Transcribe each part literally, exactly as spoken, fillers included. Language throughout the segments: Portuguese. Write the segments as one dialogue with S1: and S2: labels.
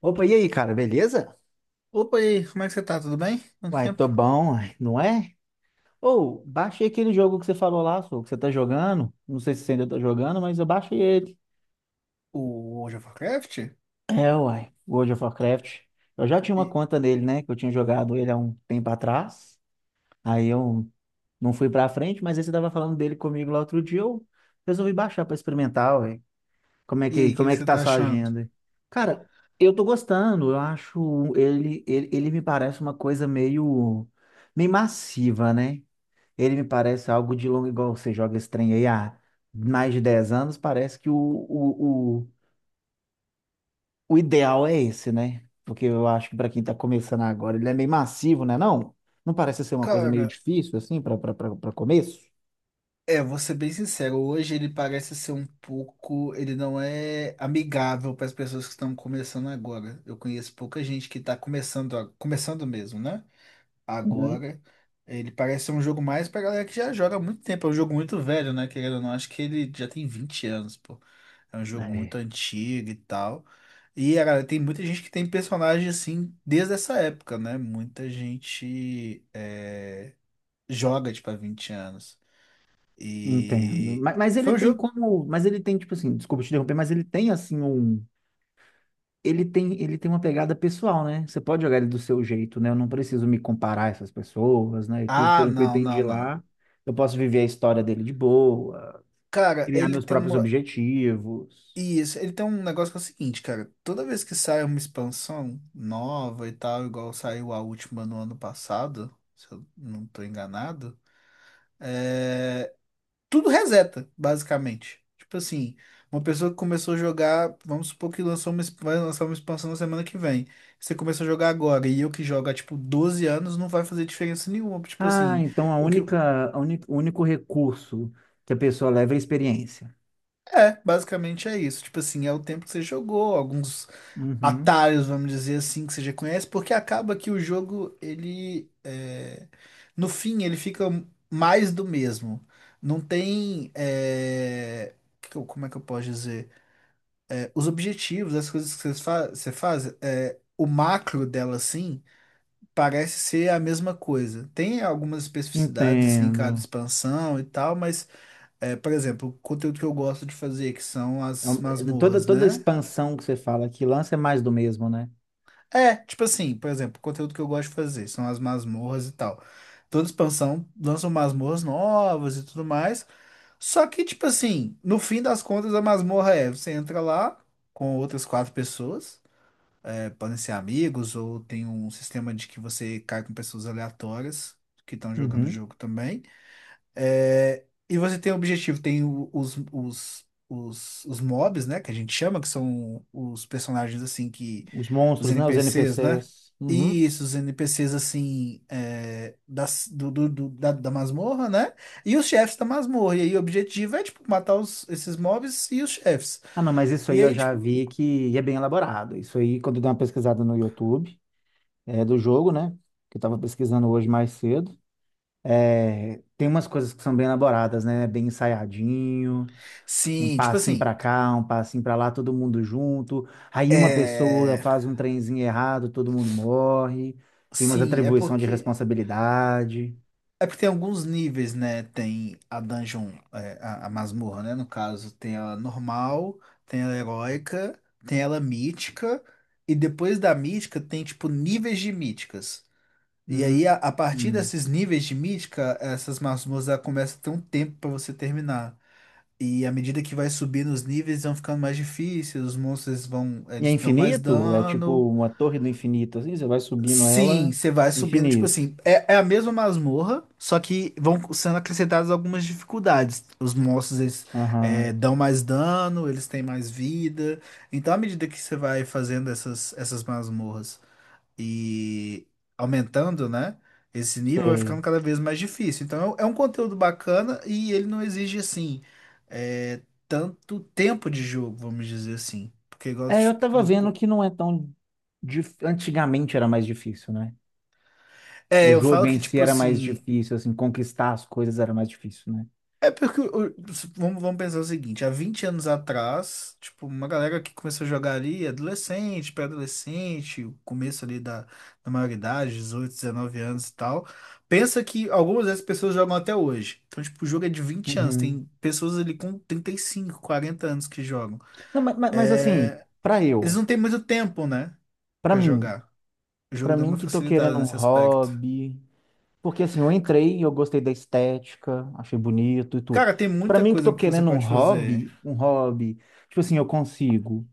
S1: Opa, e aí, cara, beleza?
S2: Opa, e aí, como é que você tá? Tudo bem? Quanto
S1: Uai, tô
S2: tempo?
S1: bom, uai, não é? Ou, baixei aquele jogo que você falou lá, sô, que você tá jogando. Não sei se você ainda tá jogando, mas eu baixei ele.
S2: O World of Warcraft?
S1: É, uai, World of Warcraft. Eu já tinha uma
S2: E,
S1: conta nele, né? Que eu tinha jogado ele há um tempo atrás. Aí eu não fui pra frente, mas aí você tava falando dele comigo lá outro dia. Eu resolvi baixar pra experimentar, uai. Como é
S2: e
S1: que,
S2: aí, o que
S1: como
S2: que
S1: é que
S2: você
S1: tá a
S2: tá
S1: sua
S2: achando?
S1: agenda? Cara, eu tô gostando. Eu acho ele, ele, ele me parece uma coisa meio, meio massiva, né? Ele me parece algo de longo, igual você joga esse trem aí há mais de dez anos, parece que o, o, o, o ideal é esse, né? Porque eu acho que para quem tá começando agora, ele é meio massivo, né? Não? Não parece ser uma coisa meio
S2: Cara,
S1: difícil, assim, para começo?
S2: é, vou ser bem sincero, hoje ele parece ser um pouco. Ele não é amigável para as pessoas que estão começando agora. Eu conheço pouca gente que tá começando, a- começando mesmo, né?
S1: Uhum.
S2: agora. Ele parece ser um jogo mais pra galera que já joga há muito tempo. É um jogo muito velho, né? Querendo ou não, acho que ele já tem vinte anos, pô. É um jogo muito
S1: É.
S2: antigo e tal. E a galera, tem muita gente que tem personagem assim desde essa época, né? Muita gente é, joga, tipo, há vinte anos.
S1: Entendo.
S2: E
S1: Mas, mas ele
S2: foi um
S1: tem
S2: jogo.
S1: como. Mas ele tem, tipo assim, desculpa te interromper, mas ele tem, assim, um. ele tem, ele tem uma pegada pessoal, né? Você pode jogar ele do seu jeito, né? Eu não preciso me comparar a essas pessoas, né? E tudo
S2: Ah,
S1: pelo que eu
S2: não,
S1: entendi
S2: não, não.
S1: lá, eu posso viver a história dele de boa,
S2: Cara,
S1: criar
S2: ele
S1: meus
S2: tem
S1: próprios
S2: uma.
S1: objetivos.
S2: E esse- ele tem um negócio que é o seguinte, cara. Toda vez que sai uma expansão nova e tal, igual saiu a última no ano passado, se eu não tô enganado, é, tudo reseta, basicamente. Tipo assim, uma pessoa que começou a jogar, vamos supor que lançou uma, exp- vai lançar uma expansão na semana que vem. Você começou a jogar agora e eu que jogo há tipo doze anos, não vai fazer diferença nenhuma. Tipo
S1: Ah,
S2: assim,
S1: então a
S2: o que.
S1: única, a uni- o único recurso que a pessoa leva é a experiência.
S2: É, basicamente é isso. Tipo assim, é o tempo que você jogou, alguns
S1: Uhum.
S2: atalhos, vamos dizer assim, que você já conhece, porque acaba que o jogo, ele, é, no fim, ele fica mais do mesmo. Não tem, é, que que eu- como é que eu posso dizer? É, os objetivos, as coisas que vocês fa- você faz, é, o macro dela, assim, parece ser a mesma coisa. Tem algumas especificidades, assim, em cada
S1: Entendo.
S2: expansão e tal, mas é, por exemplo, o conteúdo que eu gosto de fazer, que são
S1: É
S2: as
S1: um- é Toda,
S2: masmorras,
S1: toda
S2: né?
S1: expansão que você fala que lança é mais do mesmo, né?
S2: É, tipo assim, por exemplo, o conteúdo que eu gosto de fazer são as masmorras e tal. Toda expansão lançam masmorras novas e tudo mais. Só que, tipo assim, no fim das contas, a masmorra é: você entra lá com outras quatro pessoas, é, podem ser amigos, ou tem um sistema de que você cai com pessoas aleatórias que estão jogando o
S1: Uhum.
S2: jogo também. É, e você tem o objetivo, tem o- os, os, os, os mobs, né? Que a gente chama, que são os personagens assim que.
S1: Os
S2: Os
S1: monstros, né? Os
S2: N P Cs, né?
S1: N P Cs. Uhum.
S2: Isso, os N P Cs assim é, das, do, do- do- da, da masmorra, né? E os chefes da masmorra. E aí o objetivo é, tipo, matar os, esses mobs e os chefes.
S1: Ah, não, mas isso aí
S2: E
S1: eu
S2: aí,
S1: já
S2: tipo,
S1: vi que é bem elaborado. Isso aí, quando eu dei uma pesquisada no YouTube, é do jogo, né? Que eu tava pesquisando hoje mais cedo. É, tem umas coisas que são bem elaboradas, né? Bem ensaiadinho, um
S2: sim, tipo
S1: passinho
S2: assim.
S1: pra cá, um passinho pra lá, todo mundo junto. Aí uma pessoa
S2: É,
S1: faz um trenzinho errado, todo mundo morre. Tem umas
S2: sim, é
S1: atribuição de
S2: porque.
S1: responsabilidade.
S2: É porque tem alguns níveis, né? Tem a dungeon, é, a, a masmorra, né? No caso, tem ela normal, tem ela heróica, tem ela mítica, e depois da mítica tem, tipo, níveis de míticas. E
S1: Hum,
S2: aí, a, a partir
S1: hum.
S2: desses níveis de mítica, essas masmorras ela começa a ter um tempo pra você terminar. E à medida que vai subindo os níveis, vão ficando mais difíceis, os monstros vão,
S1: E é
S2: eles dão mais
S1: infinito? É tipo
S2: dano.
S1: uma torre do infinito, assim, você vai subindo
S2: Sim,
S1: ela,
S2: você vai subindo, tipo
S1: infinito.
S2: assim, é, é a mesma masmorra, só que vão sendo acrescentadas algumas dificuldades. Os monstros, eles
S1: Aham.
S2: é, dão mais dano, eles têm mais vida. Então, à medida que você vai fazendo essas, essas masmorras e aumentando, né, esse nível vai
S1: Sei.
S2: ficando cada vez mais difícil. Então, é um é um conteúdo bacana e ele não exige, assim, é, tanto tempo de jogo, vamos dizer assim. Porque igual...
S1: É, eu tava vendo que não é tão. dif- Antigamente era mais difícil, né?
S2: É,
S1: O
S2: eu
S1: jogo
S2: falo que,
S1: em si
S2: tipo
S1: era mais
S2: assim,
S1: difícil, assim, conquistar as coisas era mais difícil, né?
S2: é porque, o- vamos, vamos pensar o seguinte, há vinte anos atrás, tipo, uma galera que começou a jogar ali, adolescente, pré-adolescente, o começo ali da, da maioridade, dezoito, dezenove anos e tal, pensa que algumas dessas pessoas jogam até hoje. Então, tipo, o jogo é de vinte anos,
S1: Uhum.
S2: tem pessoas ali com trinta e cinco, quarenta anos que jogam.
S1: Não, ma- ma- mas, assim,
S2: É,
S1: pra
S2: eles
S1: eu,
S2: não têm muito tempo, né,
S1: pra
S2: pra
S1: mim,
S2: jogar. O jogo
S1: pra
S2: deu
S1: mim
S2: uma
S1: que tô
S2: facilitada
S1: querendo um
S2: nesse aspecto.
S1: hobby, porque assim, eu entrei, eu gostei da estética, achei bonito e tudo.
S2: Cara, tem
S1: Pra
S2: muita
S1: mim que
S2: coisa
S1: tô
S2: que você
S1: querendo um
S2: pode fazer.
S1: hobby, um hobby, tipo assim, eu consigo.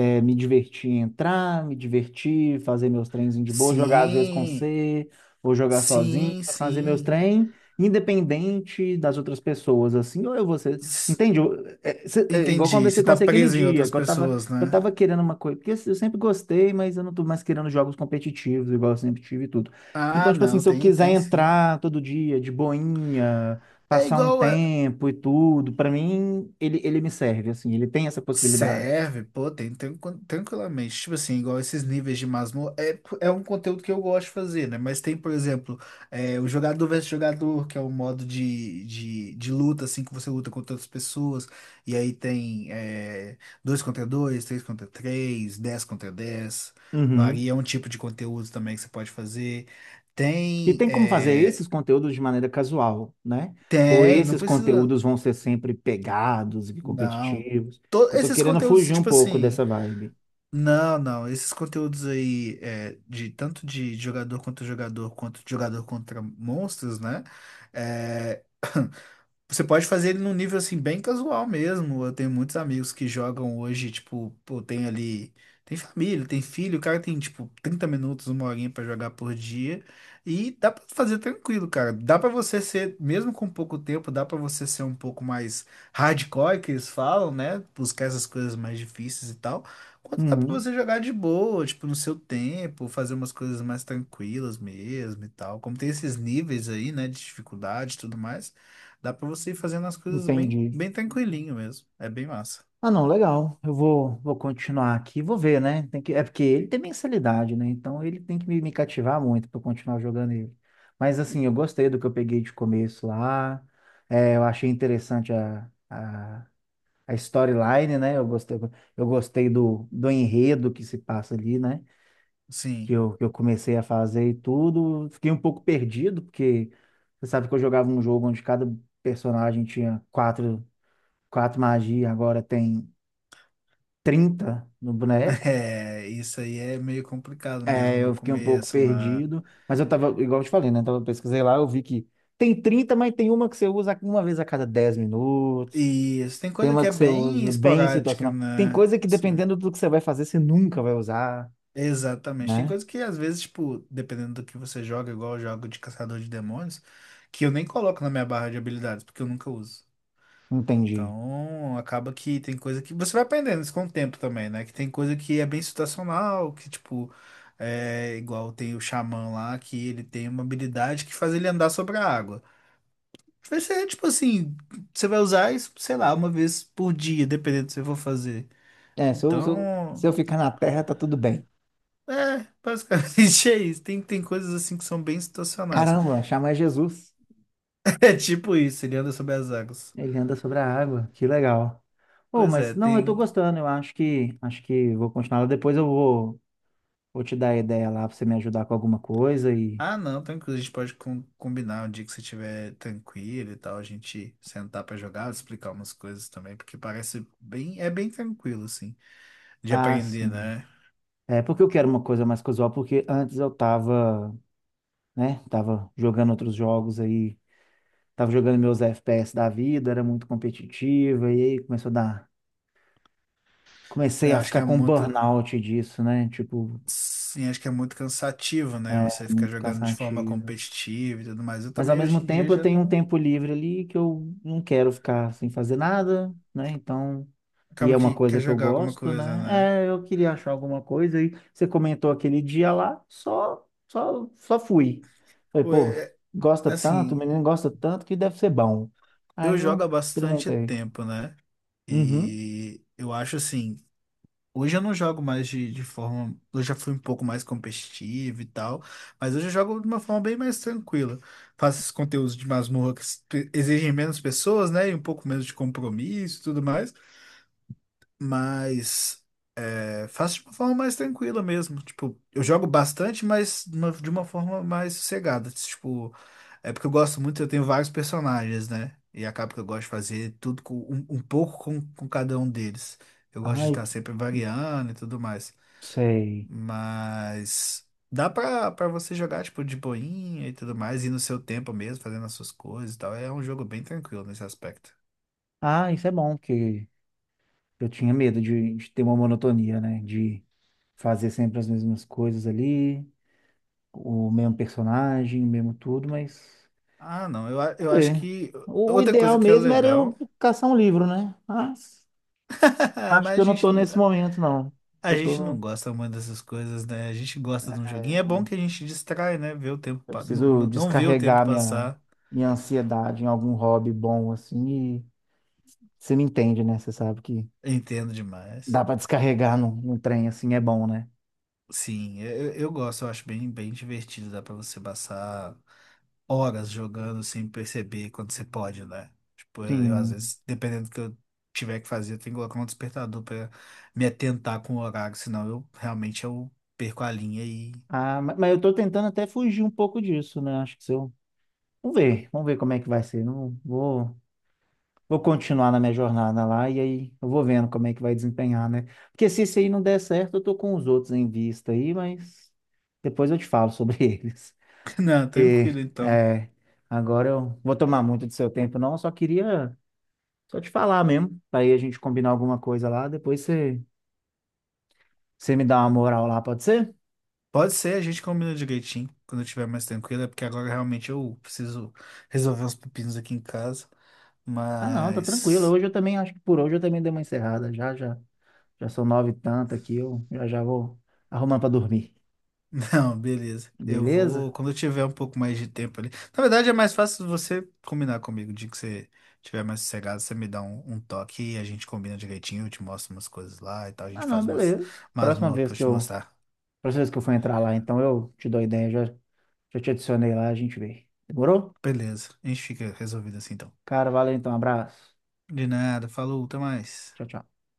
S1: É, me divertir em entrar, me divertir, fazer meus trenzinhos de boa, jogar às vezes com
S2: Sim,
S1: você, ou jogar sozinho,
S2: sim,
S1: fazer meus
S2: sim.
S1: trem, independente das outras pessoas, assim, ou eu vou ser.
S2: S-
S1: Entende? Eu- é, cê- é igual eu
S2: Entendi,
S1: conversei
S2: você
S1: com
S2: tá
S1: você aquele
S2: preso em
S1: dia,
S2: outras
S1: que eu tava,
S2: pessoas,
S1: que eu
S2: né?
S1: tava querendo uma coisa, porque assim, eu sempre gostei, mas eu não tô mais querendo jogos competitivos, igual eu sempre tive e tudo. Então,
S2: Ah,
S1: tipo assim,
S2: não,
S1: se eu
S2: tem,
S1: quiser
S2: tem sim.
S1: entrar todo dia de boinha,
S2: É
S1: passar um
S2: igual a...
S1: tempo e tudo, pra mim, ele, ele me serve, assim, ele tem essa possibilidade.
S2: Serve, pô, tem tranqu- tranquilamente. Tipo assim, igual esses níveis de masmorra. É, é um conteúdo que eu gosto de fazer, né? Mas tem, por exemplo, é, o jogador versus jogador, que é um modo de, de, de luta, assim, que você luta contra outras pessoas. E aí tem é, dois contra dois, três contra três, dez contra dez.
S1: Uhum.
S2: Varia, é um tipo de conteúdo também que você pode fazer.
S1: E
S2: Tem.
S1: tem como fazer
S2: é,
S1: esses conteúdos de maneira casual, né? Ou
S2: Tem, não
S1: esses
S2: precisa.
S1: conteúdos vão ser sempre pegados e
S2: Não.
S1: competitivos?
S2: To-
S1: Que eu tô
S2: esses
S1: querendo
S2: conteúdos,
S1: fugir um
S2: tipo
S1: pouco
S2: assim.
S1: dessa vibe.
S2: Não, não. Esses conteúdos aí, é, de tanto de jogador contra jogador, quanto de jogador contra monstros, né? É. Você pode fazer ele num nível assim bem casual mesmo. Eu tenho muitos amigos que jogam hoje, tipo, pô, tem ali, tem família, tem filho, o cara tem tipo trinta minutos, uma horinha pra jogar por dia e dá pra fazer tranquilo, cara. Dá pra você ser, mesmo com pouco tempo, dá pra você ser um pouco mais hardcore que eles falam, né? Buscar essas coisas mais difíceis e tal. Quanto dá pra
S1: Uhum,
S2: você jogar de boa, tipo, no seu tempo, fazer umas coisas mais tranquilas mesmo e tal. Como tem esses níveis aí, né, de dificuldade e tudo mais. Dá pra você ir fazendo as coisas bem,
S1: entendi.
S2: bem tranquilinho mesmo. É bem massa.
S1: Ah, não, legal. Eu vou, vou continuar aqui, vou ver, né? Tem que, é porque ele tem mensalidade, né? Então ele tem que me, me cativar muito para continuar jogando ele. Mas assim, eu gostei do que eu peguei de começo lá. É, eu achei interessante a, a a storyline, né? Eu gostei, eu gostei do, do enredo que se passa ali, né? Que
S2: Sim.
S1: eu, que eu comecei a fazer e tudo. Fiquei um pouco perdido, porque você sabe que eu jogava um jogo onde cada personagem tinha quatro, quatro magias, agora tem trinta no boneco.
S2: É, isso aí é meio complicado
S1: É,
S2: mesmo no
S1: eu fiquei um pouco
S2: começo, né?
S1: perdido, mas eu tava, igual eu te falei, né? Então eu pesquisei lá, eu vi que tem trinta, mas tem uma que você usa uma vez a cada dez minutos.
S2: E isso, tem coisa que
S1: Tema
S2: é
S1: que você
S2: bem
S1: usa bem
S2: esporádica,
S1: situacional. Tem
S2: né?
S1: coisa que
S2: Sim.
S1: dependendo do que você vai fazer, você nunca vai usar,
S2: Exatamente. Tem
S1: né?
S2: coisa que às vezes, tipo, dependendo do que você joga, igual eu jogo de caçador de demônios, que eu nem coloco na minha barra de habilidades, porque eu nunca uso.
S1: Entendi.
S2: Então, acaba que tem coisa que você vai aprendendo isso com o tempo também, né? Que tem coisa que é bem situacional, que tipo, é igual tem o xamã lá, que ele tem uma habilidade que faz ele andar sobre a água. Vai ser tipo assim, você vai usar isso, sei lá, uma vez por dia, dependendo do que você for fazer.
S1: É, se eu, se eu, se eu
S2: Então,
S1: ficar na terra, tá tudo bem.
S2: é, basicamente é isso. Tem, tem coisas assim que são bem situacionais.
S1: Caramba, chama Jesus.
S2: É tipo isso, ele anda sobre as águas.
S1: Ele anda sobre a água, que legal. Oh,
S2: Pois é,
S1: mas não, eu tô
S2: tem.
S1: gostando, eu acho que acho que vou continuar. Depois eu vou, vou te dar a ideia lá pra você me ajudar com alguma coisa e.
S2: Ah, não, tranquilo. A gente pode com- combinar um dia que você estiver tranquilo e tal, a gente sentar pra jogar, explicar umas coisas também, porque parece bem, é bem tranquilo, assim, de
S1: Ah,
S2: aprender,
S1: sim.
S2: né?
S1: É porque eu quero uma coisa mais casual, porque antes eu tava, né, tava jogando outros jogos aí tava jogando meus F P S da vida, era muito competitiva, e aí começou a dar. Comecei
S2: Eu
S1: a
S2: acho que
S1: ficar
S2: é
S1: com
S2: muito,
S1: burnout disso, né? Tipo,
S2: sim, acho que é muito cansativo, né?
S1: é
S2: Você ficar
S1: muito
S2: jogando de forma
S1: cansativo.
S2: competitiva e tudo mais. Eu
S1: Mas ao
S2: também
S1: mesmo
S2: hoje em dia
S1: tempo eu
S2: já
S1: tenho um
S2: não
S1: tempo livre ali que eu não quero ficar sem fazer nada, né? Então, e
S2: acaba
S1: é uma
S2: que quer
S1: coisa que eu
S2: jogar alguma
S1: gosto,
S2: coisa,
S1: né?
S2: né?
S1: É, eu queria achar alguma coisa e você comentou aquele dia lá, só só só fui. Falei,
S2: Pô, é-
S1: pô, gosta
S2: é-
S1: tanto, o
S2: assim,
S1: menino gosta tanto que deve ser bom.
S2: eu
S1: Aí
S2: jogo
S1: eu
S2: há bastante
S1: experimentei.
S2: tempo, né?
S1: Uhum.
S2: E eu acho assim. Hoje eu não jogo mais de, de, forma. Eu já fui um pouco mais competitivo e tal, mas hoje eu jogo de uma forma bem mais tranquila. Faço esses conteúdos de masmorra que pe- exigem menos pessoas, né? E um pouco menos de compromisso e tudo mais. Mas é, faço de uma forma mais tranquila mesmo. Tipo, eu jogo bastante, mas de uma de uma forma mais sossegada. Tipo, é porque eu gosto muito, eu tenho vários personagens, né? E acaba que eu gosto de fazer tudo com, um, um pouco com, com cada um deles. Eu gosto de
S1: Ai,
S2: estar sempre variando e tudo mais.
S1: sei.
S2: Mas dá pra, pra você jogar, tipo, de boinha e tudo mais, e no seu tempo mesmo, fazendo as suas coisas e tal. É um jogo bem tranquilo nesse aspecto.
S1: Ah, isso é bom, porque eu tinha medo de, de ter uma monotonia, né? De fazer sempre as mesmas coisas ali, o mesmo personagem, o mesmo tudo, mas
S2: Ah, não, eu, a-
S1: vamos
S2: eu acho
S1: ver.
S2: que
S1: O,
S2: outra coisa
S1: ideal
S2: que é
S1: mesmo era eu
S2: legal,
S1: caçar um livro, né? Mas acho
S2: mas
S1: que
S2: a
S1: eu não
S2: gente,
S1: tô nesse momento, não.
S2: a
S1: Eu
S2: gente não
S1: tô,
S2: gosta muito dessas coisas, né? A gente gosta de um joguinho. É bom que a gente distrai, né? Ver o tempo,
S1: eu
S2: pa- não,
S1: preciso
S2: não ver o tempo
S1: descarregar minha,
S2: passar.
S1: minha ansiedade em algum hobby bom, assim, e você me entende, né? Você sabe que
S2: Entendo demais.
S1: dá pra descarregar num, num trem assim é bom, né?
S2: Sim, eu, eu gosto, eu acho bem, bem divertido. Dá pra você passar horas jogando sem perceber quando você pode, né? Tipo, eu, eu, às
S1: Sim.
S2: vezes, dependendo do que eu tiver que fazer, eu tenho que colocar um despertador pra me atentar com o horário, senão eu realmente eu perco a linha e.
S1: Ah, ma- mas eu tô tentando até fugir um pouco disso, né? Acho que se eu. Vamos ver, vamos ver como é que vai ser. Não vou, vou continuar na minha jornada lá e aí eu vou vendo como é que vai desempenhar, né? Porque se isso aí não der certo, eu tô com os outros em vista aí, mas depois eu te falo sobre eles.
S2: Não, tranquilo
S1: E,
S2: então.
S1: é, agora eu vou tomar muito do seu tempo, não. Eu só queria só te falar mesmo, para aí a gente combinar alguma coisa lá. Depois você, você me dá uma moral lá, pode ser?
S2: Pode ser, a gente combina direitinho quando eu estiver mais tranquilo, é porque agora realmente eu preciso resolver uns pepinos aqui em casa,
S1: Ah, não, tá tranquilo.
S2: mas.
S1: Hoje eu também acho que por hoje eu também dei uma encerrada já já. Já são nove e tanto aqui, eu já já vou arrumando para dormir.
S2: Não, beleza. Eu vou,
S1: Beleza?
S2: quando eu tiver um pouco mais de tempo ali. Na verdade, é mais fácil você combinar comigo. O dia que você tiver mais sossegado, você me dá um, um toque e a gente combina direitinho. Eu te mostro umas coisas lá e tal. A
S1: Ah,
S2: gente
S1: não,
S2: faz umas
S1: beleza. Próxima
S2: masmorras
S1: vez
S2: pra eu
S1: que
S2: te
S1: eu,
S2: mostrar.
S1: próxima vez que eu for entrar lá, então eu te dou ideia, já, já te adicionei lá, a gente vê. Demorou?
S2: Beleza. A gente fica resolvido assim então.
S1: Cara, valeu então, abraço.
S2: De nada. Falou, até mais.
S1: Tchau, tchau.